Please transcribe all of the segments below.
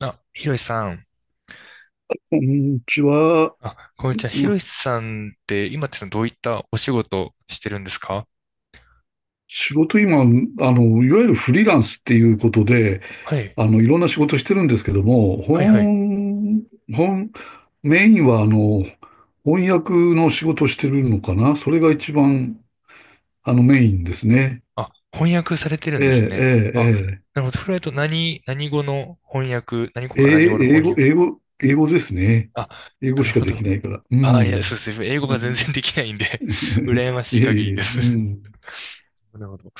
あ、ひろしさん。こんにちは。あ、こんにうちは。ひろんしさんって今ってどういったお仕事してるんですか？仕事今、いわゆるフリーランスっていうことで、はい。いろんな仕事してるんですけども、はいはい。本、メインは翻訳の仕事してるのかな、それが一番、メインですね。あ、翻訳されてるんえですね。あ、え、えなるほど。フライト何語の翻訳、何語え、えか何語のえ、え英翻語、訳。英語ですね。あ、英な語るしかほできど。ないから。うあ、いや、そうん。ですね。英語うが全然ん できないんで 羨ま えしい限りえ、です。うん。なるほど。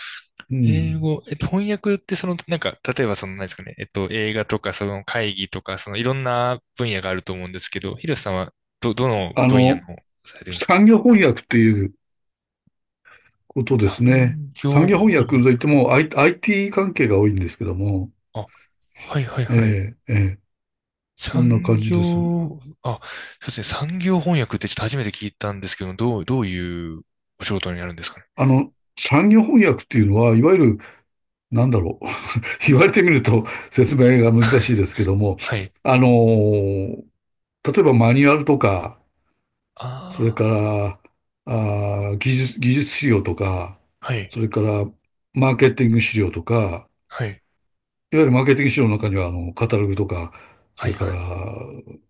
う英ん。語、翻訳ってその、なんか、例えばその、何ですかね、映画とか、その会議とか、その、いろんな分野があると思うんですけど、ヒロさんは、どのあ分野の、の、されてるんですか？産業翻訳っていう、ことですね。産産業業翻翻訳といっ訳。ても、IT 関係が多いんですけども、あ、はいはいえはい。え、ええ、そんな産感じです。業、あ、そうですね、産業翻訳ってちょっと初めて聞いたんですけど、どういうお仕事になるんですかね。あの、産業翻訳っていうのは、いわゆる、なんだろう。言われてみると説明が難しいですけども、はい。あのー例えばマニュアルとか、それあから、技術資料とか、あ、はい、それからマーケティング資料とか、はい、いわゆるマーケティング資料の中には、カタログとか、そはい、れかはら、い、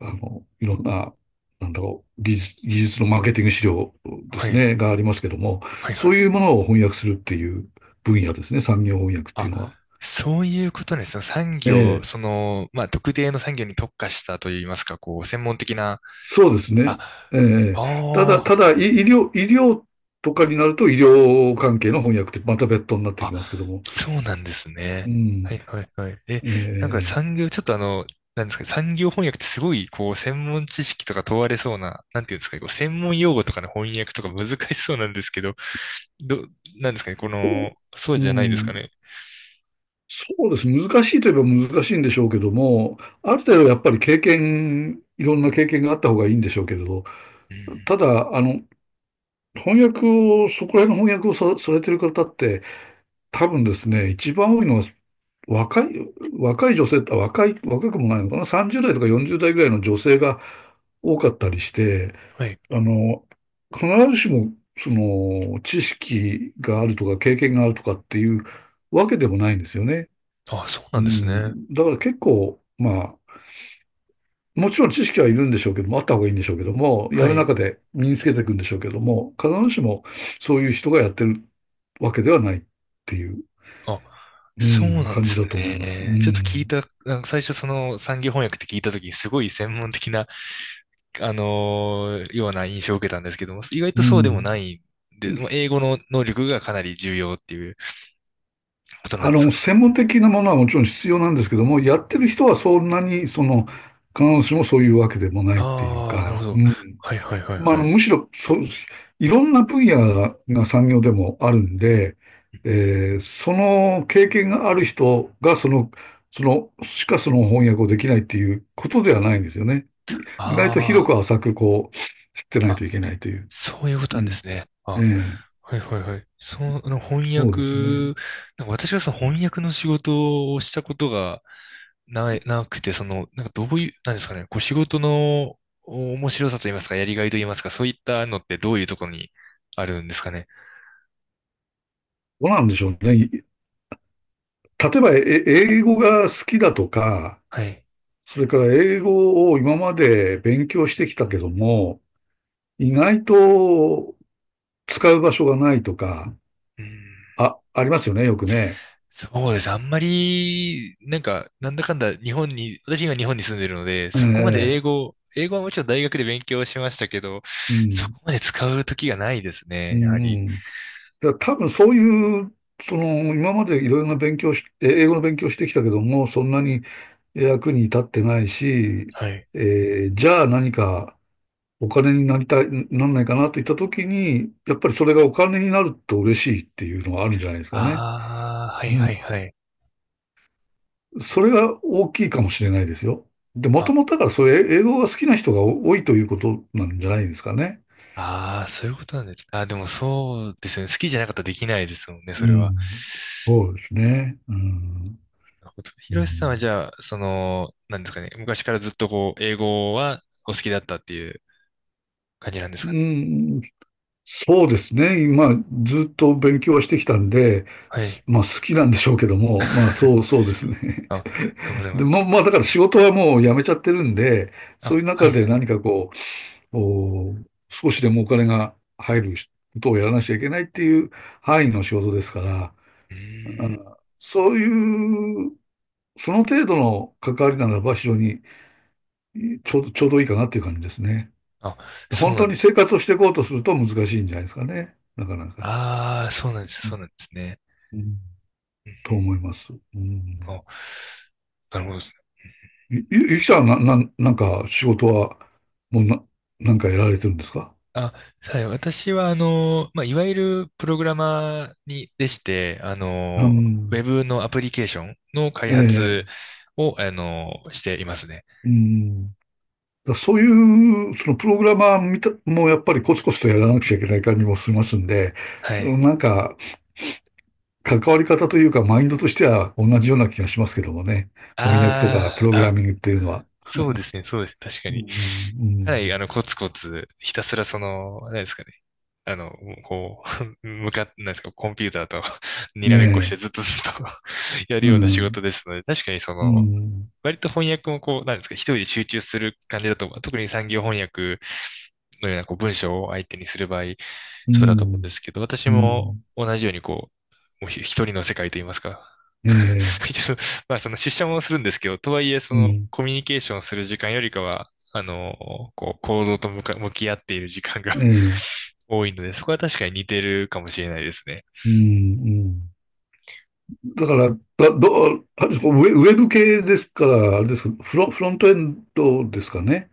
いろんな、なんだろう、技術のマーケティング資料ではすい、ね、がありますけども、はい、はそうい。いうものを翻訳するっていう分野ですね、産業翻訳っていうのあ、は。そういうことですね。産え業、そえ、の、まあ、特定の産業に特化したといいますか、こう、専門的な、そうですね。あ、ええ、ただ、たあだ、医医療、医療とかになると、医療関係の翻訳ってまた別途になってあ、きますけどあ、も、そうなんですうね。はん、いはいはい。え、えなんかえ、産業、ちょっとあの、なんですか、産業翻訳ってすごい、こう、専門知識とか問われそうな、なんていうんですかね、こう、専門用語とかの翻訳とか難しそうなんですけど、ど、なんですかね、こその、そうううじゃないですかん、ね。そうです。難しいといえば難しいんでしょうけども、ある程度やっぱり経験、いろんな経験があった方がいいんでしょうけれど、うん。ただ、翻訳を、そこら辺の翻訳をさ、されてる方って、多分ですね、一番多いのは若い、若い女性、若くもないのかな、30代とか40代ぐらいの女性が多かったりして、はい。あの、必ずしも、その、知識があるとか経験があるとかっていうわけでもないんですよね。あ、そううなんですね。ん、だから結構、まあ、もちろん知識はいるんでしょうけども、あった方がいいんでしょうけども、やはるい。中で身につけていくんでしょうけども、必ずしもそういう人がやってるわけではないっていう、あ、うそうん、なん感でじすだと思います。うね。ちょっと聞いん、た、あの最初その産業翻訳って聞いたときにすごい専門的な、ような印象を受けたんですけども、意外うとそうでもなん。いんで、もう英語の能力がかなり重要っていうことなんですか。専門的なものはもちろん必要なんですけども、やってる人はそんなに、その、必ずしもそういうわけでもないっていうああー、なるほか、ど。うん。はいはいはいまあ、はい。むしろそう、いろんな分野が、が産業でもあるんで、その経験がある人が、その、その翻訳をできないっていうことではないんですよね。意外と広あく浅く、こう、知ってなあ、いあ、といけないという。そういうこうとなんでん。すね。えあ、え、はいはいはい。その、あの翻そう訳、ですね。なんか私がその翻訳の仕事をしたことが、なくて、その、なんかどういう、なんですかね、こう仕事のお面白さと言いますか、やりがいと言いますか、そういったのってどういうところにあるんですかね。どうなんでしょうね。例えば、英語が好きだとか、はい。それから英語を今まで勉強してきたけども、意外と使う場所がないとか、うん、あ、ありますよね、よくね。そうです。あんまり、なんか、なんだかんだ日本に、私今日本に住んでるので、えそこまで英え、語、英語はもちろん大学で勉強しましたけど、うそん、こまで使う時がないですうね、ん、やはり。うん。いや、多分そういう、その、今までいろいろな勉強し、え英語の勉強してきたけども、そんなに役に立ってないし、はい。じゃあ何かお金になりたい、なんないかなといったときに、やっぱりそれがお金になると嬉しいっていうのはあるんじゃないですかね。ああ、はういはん。いはい。それが大きいかもしれないですよ。で、もとあ、もとだからそういう英語が好きな人が多いということなんじゃないですかね。ああ、そういうことなんです。あ、でもそうですね。好きじゃなかったらできないですもんね、うそれは。ん。そうですね。うん。なるヒうロシさんはじん。ゃあ、その、なんですかね、昔からずっとこう、英語はお好きだったっていう感じなんですうかね。ん、そうですね。今、ずっと勉強はしてきたんで、はい。まあ好きなんでしょうけども、そうですね。あ、で、なまあだから仕事はもう辞めちゃってるんで、そういあ、うは中いではい。何かう、お少しでもお金が入ることをやらなきゃいけないっていう範囲の仕事ですから、うーん。あそういう、その程度の関わりならば非常にちょうどいいかなっていう感じですね。あ、そう本な当んにです生ね。活をしていこうとすると難しいんじゃないですかね。なかなか。ああ、そうなんですね、そうなんですね。うん、うんと思います。ううん。ん、あ、なるほどですね。ゆきさんはなんか仕事はもうな、なんかやられてるんですか？あ、はい。私は、あの、まあ、いわゆるプログラマーに、でして、あうの、ウェん、ブのアプリケーションの開え発え、を、あの、していますね。うん。そういう、そのプログラマーもうやっぱりコツコツとやらなくちゃいけない感じもしますんで、はうん、い。なんか関わり方というかマインドとしては同じような気がしますけどもね。翻訳とかプあログーラミングっていうのは。そうですね、そうです。確かうに。ん、かなり、あの、コツコツ、ひたすらその、何ですかね。あの、こう、向かっ何ですか、コンピューターと にうん、らめっこしてねずっえ、とずっと やるうような仕事ん、ですので、確かにそうの、ん、割と翻訳もこう、何ですか、一人で集中する感じだと、特に産業翻訳のようなこう文章を相手にする場合、うそうだと思うんでん、すけど、私うもん、同じようにこう、もう一人の世界といいますか。ええ、一応まあその出社もするんですけど、とはいえそうのん、コミュニケーションする時間よりかは、あの、こう、行動と向き合っている時間が ええ、多いので、そこは確かに似てるかもしれないですね。うん、うん。だから、だ、ど、あれですか、ウェブ系ですから、あれですか、フロントエンドですかね。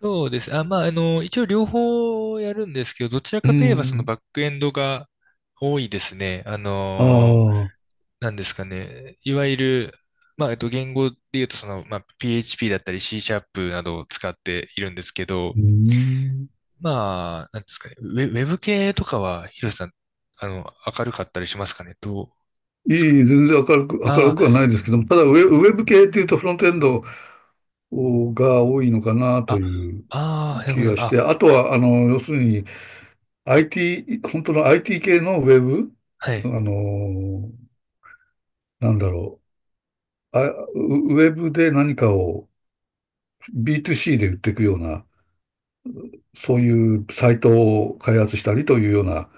そうです。あ、まあ、あの、一応両方やるんですけど、どちらうかといえばそのん、バックエンドが多いですね。ああのあ、なんですかね。いわゆる、まあ、言語で言うと、その、まあ、PHP だったり C シャープなどを使っているんですけど、うん。まあ、なんですかね。ウェブ系とかは、ヒロシさん、あの、明るかったりしますかね。どういですかね。い、全然明るく、明るあくはないですけども、ただウェブ系っていうとフロントエンドが多いのかなあ、あ、というああ、なるほ気ど。がしあ、て、あとは、要するに、IT、本当の IT 系のウェブ、はあい。のーなんだろう、あ、ウェブで何かを B2C で売っていくような、そういうサイトを開発したりというような、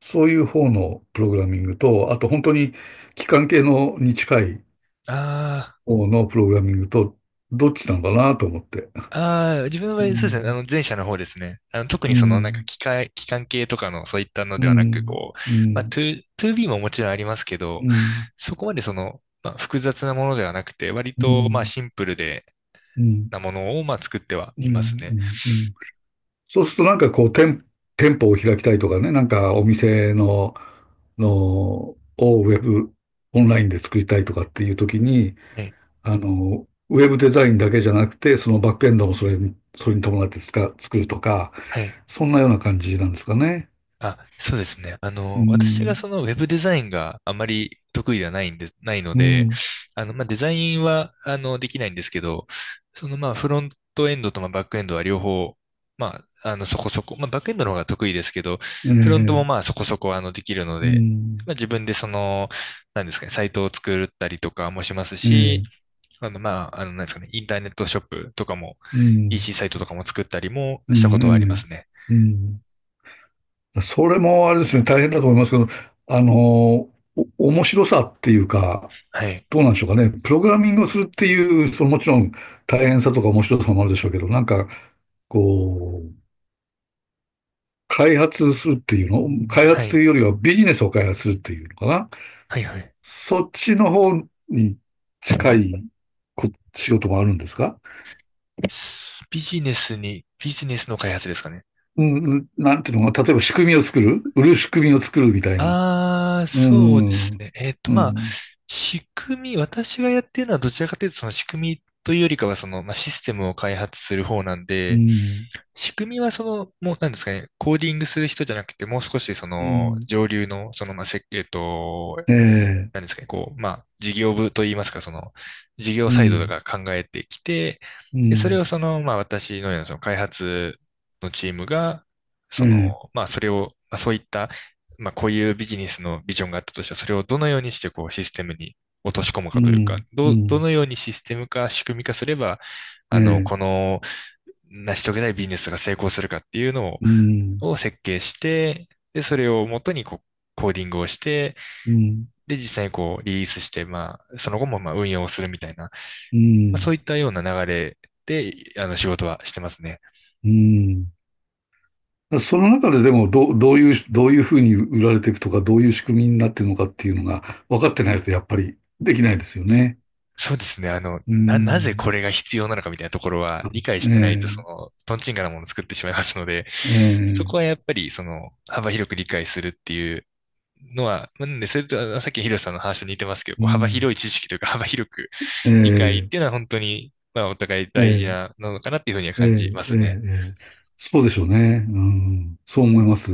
そういう方のプログラミングと、あと本当に機関系のに近いあ方のプログラミングと、どっちなのかなと思って。ああ、自分の場合、そうですね。あの、前者の方ですね。あの、特うにその、なんか、ん、機械、機関系とかの、そういったのうではなく、ん、こう、うまあ、ん、2、2B ももちろんありますけうど、ん、そこまでその、まあ、複雑なものではなくて、割うと、まあ、ん、シンプルで、うん、うん、なものを、まあ、作ってはうん、いますね。うん、うん、そうするとなんか店舗を開きたいとかね、なんかお店をウェブ、オンラインで作りたいとかっていう時に、はい。ウェブデザインだけじゃなくて、そのバックエンドもそれに伴って作るとか、はいそんなような感じなんですかね。あ、そうですね。あうの、私がん、そのウェブデザインがあまり得意ではないんで、ないのうで、ん、あの、まあ、デザインは、あの、できないんですけど、その、まあ、フロントエンドと、まあ、バックエンドは両方、まあ、あの、そこそこ、まあ、バックエンドの方が得意ですけど、えフロントもえ、まあ、そこそこ、あの、できるのうで、まん、あ、自分でその、なんですかね、サイトを作ったりとかもしますえし、え、あの、まあ、あの、なんですかね、インターネットショップとかも、うん、EC サイトとかも作ったりもうしたこん、とうはありますん、ね。うん。それもあれですね、大変だと思いますけど、あの、お面白さっていうか、はい。どうなんでしょうかね。プログラミングをするっていう、そのもちろん大変さとか面白さもあるでしょうけど、なんか、こう、開発するっていうの、開は発といい。うよりはビジネスを開発するっていうのかな。はい、はい。そっちの方に近いこ仕事もあるんですか？ビジネスの開発ですかね。うん、うん、なんていうのかな、例えば仕組みを作る、売る仕組みを作るみたいな。ああ、うそうですん、うん、ね。えっと、まあ、う仕組み、私がやってるのはどちらかというと、その仕組みというよりかは、その、まあ、システムを開発する方なんで、ん、仕組みはその、もう、なんですかね、コーディングする人じゃなくて、もう少し、そうの、ん。上流の、その、まあ、設計と、ええ、なんですかね、こう、まあ、事業部といいますか、その、事業うサイドん、が考えてきて、うで、それん、をその、まあ、私のようなその開発のチームが、そええ、の、まあ、それを、まあ、そういった、まあ、こういうビジネスのビジョンがあったとしたら、それをどのようにして、こう、システムに落とし込むうかというか、ん、うどう、どん、のようにシステム化、仕組み化すれば、えあの、え、この、成し遂げたいビジネスが成功するかっていうのを、うん、設計して、で、それをもとにこう、コーディングをして、うん、で、実際にこうリリースして、まあ、その後もまあ運用をするみたいな、まうあ、ん、そういったような流れで、あの、仕事はしてますね。うん。その中ででも、どういうふうに売られていくとか、どういう仕組みになっているのかっていうのが分かってないと、やっぱりできないですよね。そうですね。あの、うなぜん、これが必要なのかみたいなところは理解えしてないと、そえ、の、トンチンカンなものを作ってしまいますので、えそえ、こはやっぱり、その、幅広く理解するっていうのは、なんで、それと、あのさっきのヒロさんの話と似てますけど、うこう幅ん、広い知識というか、幅広くえ理解っえ、ていうのは本当に、まあ、お互いえ大事え、なのかなっていうふうにはえ感じえ、まえすえ、ね。ええ、そうでしょうね。うん、そう思います。